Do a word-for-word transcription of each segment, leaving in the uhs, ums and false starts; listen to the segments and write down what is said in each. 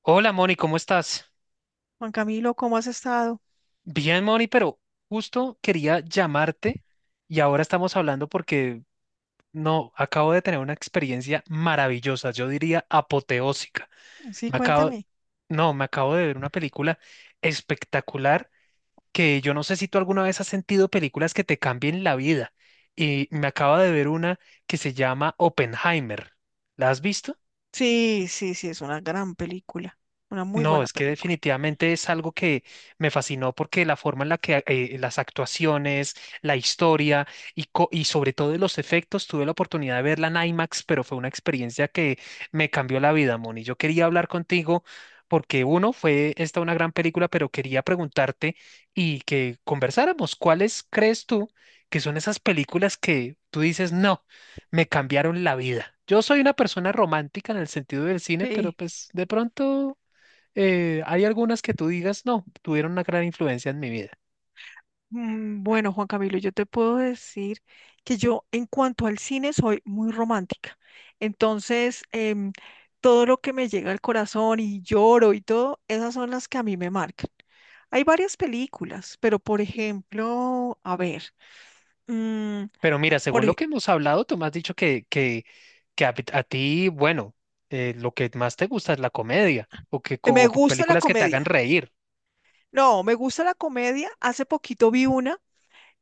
Hola Moni, ¿cómo estás? Juan Camilo, ¿cómo has estado? Bien, Moni, pero justo quería llamarte y ahora estamos hablando porque no, acabo de tener una experiencia maravillosa, yo diría apoteósica. Sí, Me acabo, cuéntame. no, me acabo de ver una película espectacular que yo no sé si tú alguna vez has sentido películas que te cambien la vida y me acabo de ver una que se llama Oppenheimer. ¿La has visto? Sí, sí, sí, es una gran película, una muy No, buena es que película. definitivamente es algo que me fascinó porque la forma en la que eh, las actuaciones, la historia y, co- y sobre todo los efectos, tuve la oportunidad de verla en IMAX, pero fue una experiencia que me cambió la vida, Moni. Yo quería hablar contigo porque uno, fue esta una gran película, pero quería preguntarte y que conversáramos, ¿cuáles crees tú que son esas películas que tú dices, no, me cambiaron la vida? Yo soy una persona romántica en el sentido del cine, pero Sí. pues de pronto eh, hay algunas que tú digas, no, tuvieron una gran influencia en mi vida. Mm, bueno, Juan Camilo, yo te puedo decir que yo en cuanto al cine soy muy romántica. Entonces, em, todo lo que me llega al corazón y lloro y todo, esas son las que a mí me marcan. Hay varias películas, pero por ejemplo, a ver. Mm, Pero mira, por según lo ej- que hemos hablado, tú me has dicho que, que, que a, a ti, bueno, eh, lo que más te gusta es la comedia o que Me co- gusta la películas que te comedia. hagan reír. No, me gusta la comedia. Hace poquito vi una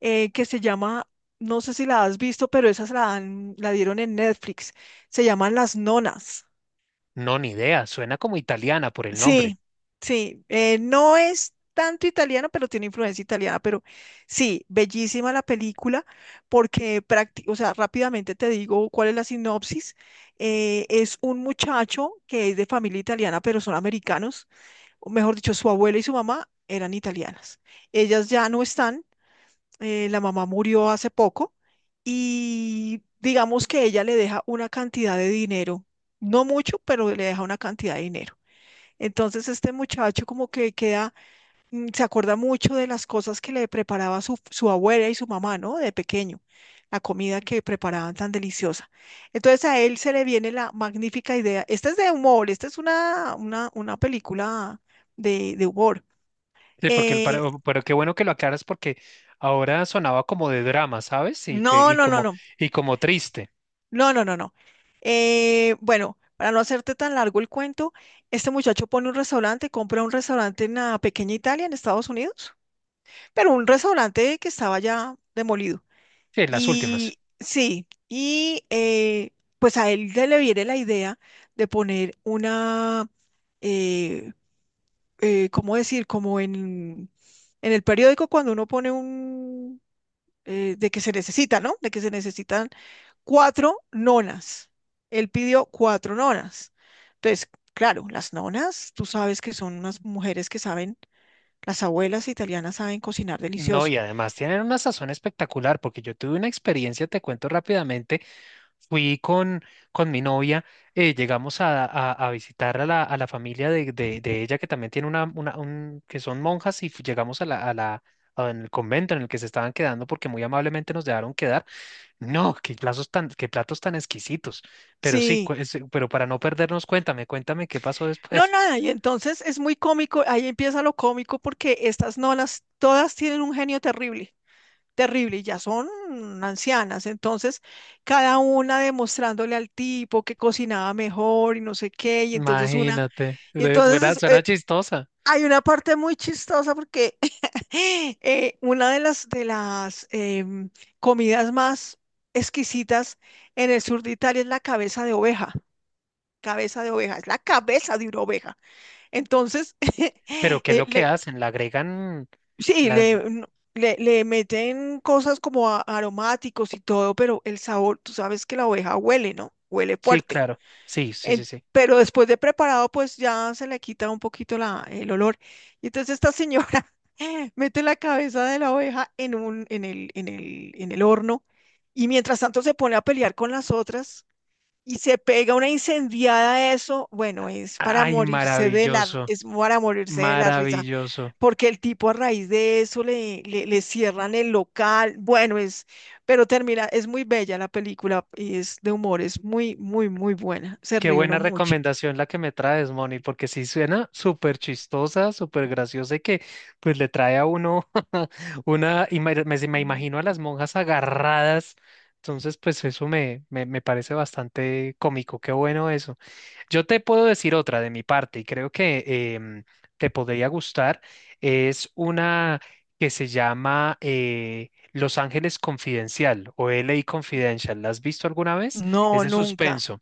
eh, que se llama, no sé si la has visto, pero esas la, dan- la dieron en Netflix. Se llaman Las Nonas. No, ni idea, suena como italiana por el nombre. Sí, sí, eh, no es tanto italiano, pero tiene influencia italiana, pero sí, bellísima la película porque, prácti- o sea, rápidamente te digo cuál es la sinopsis. Eh, es un muchacho que es de familia italiana, pero son americanos, o mejor dicho, su abuela y su mamá eran italianas. Ellas ya no están, eh, la mamá murió hace poco y digamos que ella le deja una cantidad de dinero, no mucho, pero le deja una cantidad de dinero. Entonces este muchacho como que queda, mm, se acuerda mucho de las cosas que le preparaba su, su abuela y su mamá, ¿no? De pequeño, la comida que preparaban tan deliciosa. Entonces a él se le viene la magnífica idea. Esta es de humor, esta es una, una, una película de, de humor. Sí, porque el, Eh, pero, pero qué bueno que lo aclaras porque ahora sonaba como de drama, ¿sabes? Y que no, y no, no, como no. y como triste. No, no, no, no. Eh, bueno, para no hacerte tan largo el cuento, este muchacho pone un restaurante, compra un restaurante en la pequeña Italia, en Estados Unidos, pero un restaurante que estaba ya demolido. Sí, las últimas. Y sí, y eh, pues a él le le viene la idea de poner una, eh, eh, ¿cómo decir? Como en, en el periódico cuando uno pone un, eh, de que se necesita, ¿no? De que se necesitan cuatro nonas. Él pidió cuatro nonas. Entonces, claro, las nonas, tú sabes que son unas mujeres que saben, las abuelas italianas saben cocinar No, delicioso. y además tienen una sazón espectacular porque yo tuve una experiencia, te cuento rápidamente. Fui con, con mi novia, eh, llegamos a, a- a visitar a la, a la familia de, de- de ella, que también tiene una, una- un, que son monjas, y fu- llegamos a la, a la, a- en el convento en el que se estaban quedando, porque muy amablemente nos dejaron quedar. No, qué platos tan, qué platos tan exquisitos. Pero sí, cu- Sí, es- pero para no perdernos, cuéntame, cuéntame qué pasó no, después. nada, y entonces es muy cómico, ahí empieza lo cómico porque estas nonas todas tienen un genio terrible, terrible, y ya son ancianas, entonces cada una demostrándole al tipo que cocinaba mejor y no sé qué, y entonces una, Imagínate, y de- suena, entonces es, eh, suena chistosa. hay una parte muy chistosa porque Eh, una de las, de las em, comidas más exquisitas en el sur de Italia es la cabeza de oveja. Cabeza de oveja, es la cabeza de una oveja. Entonces, Pero ¿qué es eh, lo que le- hacen? ¿La agregan? sí, La... le, n- le, le meten cosas como a- aromáticos y todo, pero el sabor, tú sabes que la oveja huele, ¿no? Huele Sí, fuerte. claro. Sí, sí, sí, En- sí. pero después de preparado, pues ya se le quita un poquito la, el olor. Y entonces esta señora mete la cabeza de la oveja en un, en el, en el, en el horno y mientras tanto se pone a pelear con las otras y se pega una incendiada a eso. Bueno, es para Ay, morirse de la, maravilloso. es para morirse de la risa Maravilloso. porque el tipo a raíz de eso le, le, le cierran el local. Bueno, es, pero termina, es muy bella la película y es de humor, es muy, muy, muy buena. Se Qué ríe uno buena mucho. recomendación la que me traes, Moni, porque sí suena súper chistosa, súper graciosa y que pues le trae a uno una, y me, me- me Mm. imagino a las monjas agarradas. Entonces, pues eso me, me, me parece bastante cómico. Qué bueno eso. Yo te puedo decir otra de mi parte y creo que em, te podría gustar. Es una que se llama eh, Los Ángeles Confidencial o L LA Confidential. ¿La has visto alguna vez? Es No, de nunca, suspenso.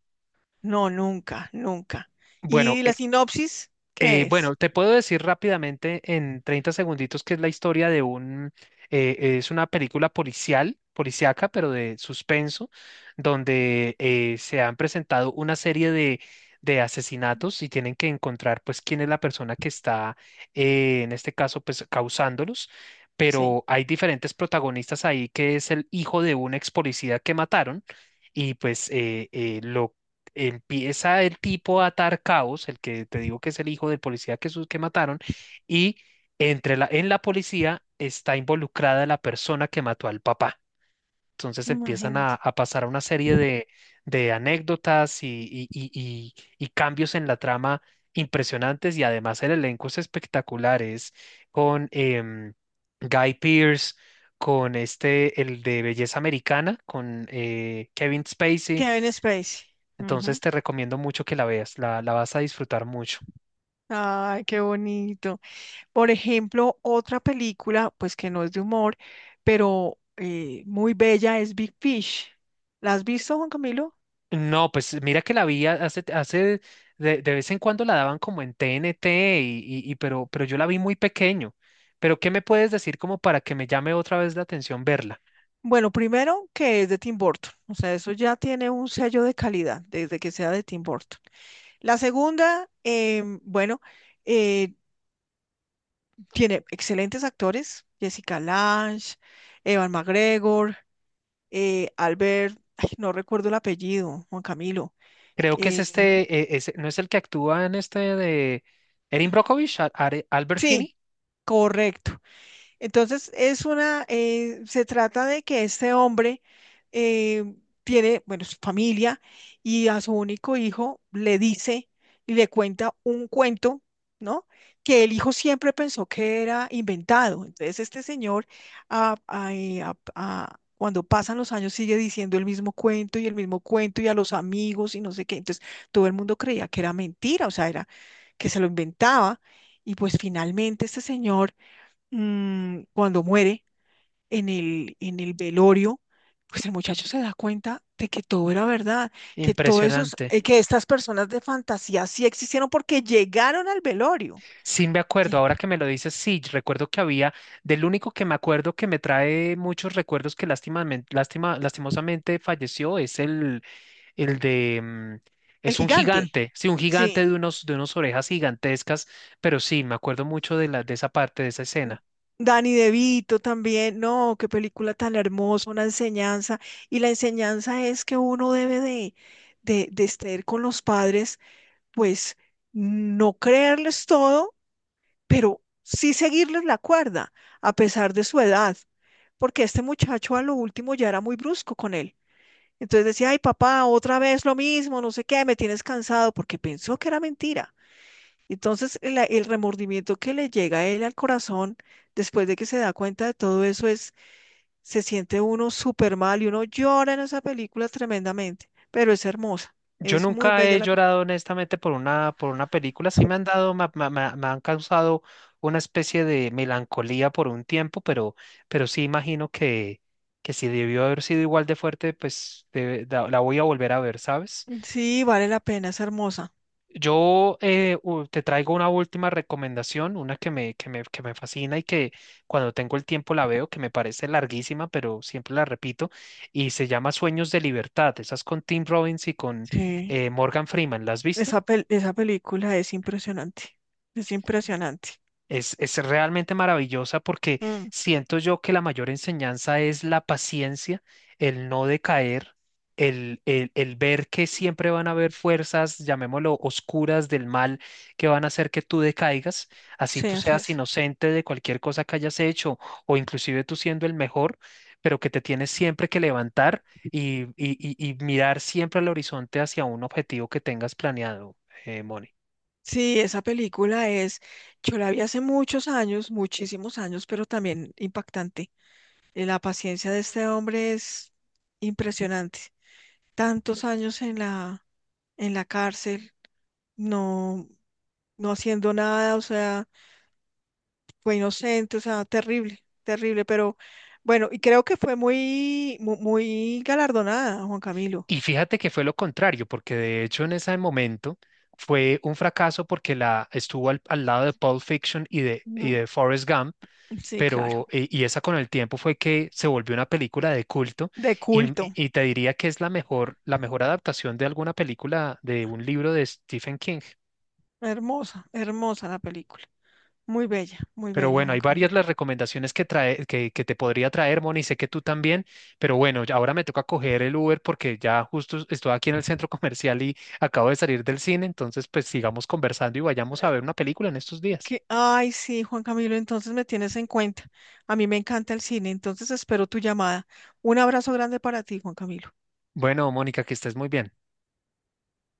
no, nunca, nunca. Bueno, ¿Y la sinopsis? ¿Qué Eh, es? bueno, te puedo decir rápidamente en treinta segunditos que es la historia de un, eh, es una película policial, policíaca, pero de suspenso, donde eh, se han presentado una serie de, de asesinatos y tienen que encontrar pues quién es la persona que está, eh, en este caso, pues causándolos. Sí. Pero hay diferentes protagonistas ahí que es el hijo de un ex policía que mataron y pues eh, eh, lo empieza el tipo a atar cabos, el que te digo que es el hijo del policía que, sus- que mataron, y entre la, en la policía está involucrada la persona que mató al papá. Entonces empiezan a, Imagínate. a pasar una serie de, de anécdotas y, y- y- y- y cambios en la trama impresionantes y además el elenco es espectacular, es con em, Guy Pearce, con este, el de Belleza Americana, con eh, Kevin Spacey. Kevin Spacey. Entonces Ujú. te recomiendo mucho que la veas, la, la vas a disfrutar mucho. Ay, qué bonito. Por ejemplo, otra película, pues que no es de humor, pero eh, muy bella es Big Fish. ¿La has visto, Juan Camilo? No, pues mira que la vi ha- hace, hace de, de vez en cuando la daban como en T N T, y, y- y- pero, pero yo la vi muy pequeño. Pero ¿qué me puedes decir como para que me llame otra vez la atención verla? Bueno, primero que es de Tim Burton, o sea, eso ya tiene un sello de calidad desde que sea de Tim Burton. La segunda, em, bueno, eh, tiene excelentes actores, Jessica Lange, Evan McGregor, eh, Albert, ay, no recuerdo el apellido, Juan Camilo. Creo que es em, este, eh, ese- ¿no es el que actúa en este de Erin Brockovich, Al- Are- Albert sí, Finney? correcto. Entonces, es una, eh, se trata de que este hombre eh, tiene, bueno, su familia y a su único hijo le dice y le cuenta un cuento, ¿no? Que el hijo siempre pensó que era inventado. Entonces, este señor, ah, ah, eh, ah, ah, cuando pasan los años, sigue diciendo el mismo cuento y el mismo cuento y a los amigos y no sé qué. Entonces, todo el mundo creía que era mentira, o sea, era que se lo inventaba. Y pues finalmente este señor mm, cuando muere en el, en el velorio, pues el muchacho se da cuenta de que todo era verdad, que todos esos, Impresionante. eh, que estas personas de fantasía sí existieron porque llegaron al velorio. Sí, me acuerdo, Lle- ahora que me lo dices, sí, recuerdo que había, del único que me acuerdo que me trae muchos recuerdos que lástimamen- lástima, lastimosamente falleció, es el, el de, mm, El es un gigante, gigante, sí, un gigante sí. de unos, de unas orejas gigantescas, pero sí, me acuerdo mucho de la, de esa parte, de esa N- escena. Danny DeVito también, no, qué película tan hermosa, una enseñanza. Y la enseñanza es que uno debe de, de, de estar con los padres, pues no creerles todo pero sí seguirles la cuerda, a pesar de su edad, porque este muchacho a lo último ya era muy brusco con él. Entonces decía, ay papá, otra vez lo mismo, no sé qué, me tienes cansado, porque pensó que era mentira. Entonces el, el remordimiento que le llega a él al corazón después de que se da cuenta de todo eso es, se siente uno súper mal y uno llora en esa película tremendamente, pero es hermosa, Yo es muy nunca bella he la película. llorado honestamente por una, por una película. Sí me han dado, ma- ma- ma- me, han causado una especie de melancolía por un tiempo, pero, pero sí imagino que, que si debió haber sido igual de fuerte, pues debe- da- la voy a volver a ver, ¿sabes? Sí, vale la pena, es hermosa. Yo eh, u- te traigo una última recomendación, una que me, que me, que me fascina y que cuando tengo el tiempo la veo, que me parece larguísima, pero siempre la repito, y se llama Sueños de Libertad. Esas con Tim Robbins y con Sí. eh, Morgan Freeman. ¿La has visto? Esa, pel- esa película es impresionante, es impresionante. Es, es realmente maravillosa porque Mm, siento yo que la mayor enseñanza es la paciencia, el no decaer, el, el, el ver que siempre van a haber fuerzas, llamémoslo oscuras del mal, que van a hacer que tú decaigas, así sí, tú así seas es. inocente de cualquier cosa que hayas hecho o inclusive tú siendo el mejor, pero que te tienes siempre que levantar y, y, y- y mirar siempre al horizonte hacia un objetivo que tengas planeado, eh, Moni. Sí, esa película es, yo la vi hace muchos años, muchísimos años, pero también impactante. Eh, La paciencia de este hombre es impresionante. Tantos años en la, en la cárcel, no, no haciendo nada, o sea, fue inocente, o sea, terrible, terrible, pero bueno, y creo que fue muy, mu- muy galardonada, Juan Camilo. Y fíjate que fue lo contrario, porque de hecho en ese momento fue un fracaso porque la estuvo al, al lado de Pulp Fiction y de, y Ujú. de Forrest Gump, Sí, claro. pero eh, y esa con el tiempo fue que se volvió una película de culto De y, y- culto. y te diría que es la mejor, la mejor adaptación de alguna película de un libro de Stephen King. Hermosa, hermosa la película. Muy bella, muy Pero bella, bueno, Juan hay varias Camilo. las recomendaciones que trae, que, que te podría traer, Moni, sé que tú también, pero bueno, ya ahora me toca coger el Uber porque ya justo estoy aquí en el centro comercial y acabo de salir del cine, entonces pues sigamos conversando y vayamos a Eh, ver una película en estos días. que, ay, sí, Juan Camilo, entonces me tienes en cuenta. A mí me encanta el cine, entonces espero tu llamada. Un abrazo grande para ti, Juan Camilo. Bueno, Mónica, que estés muy bien.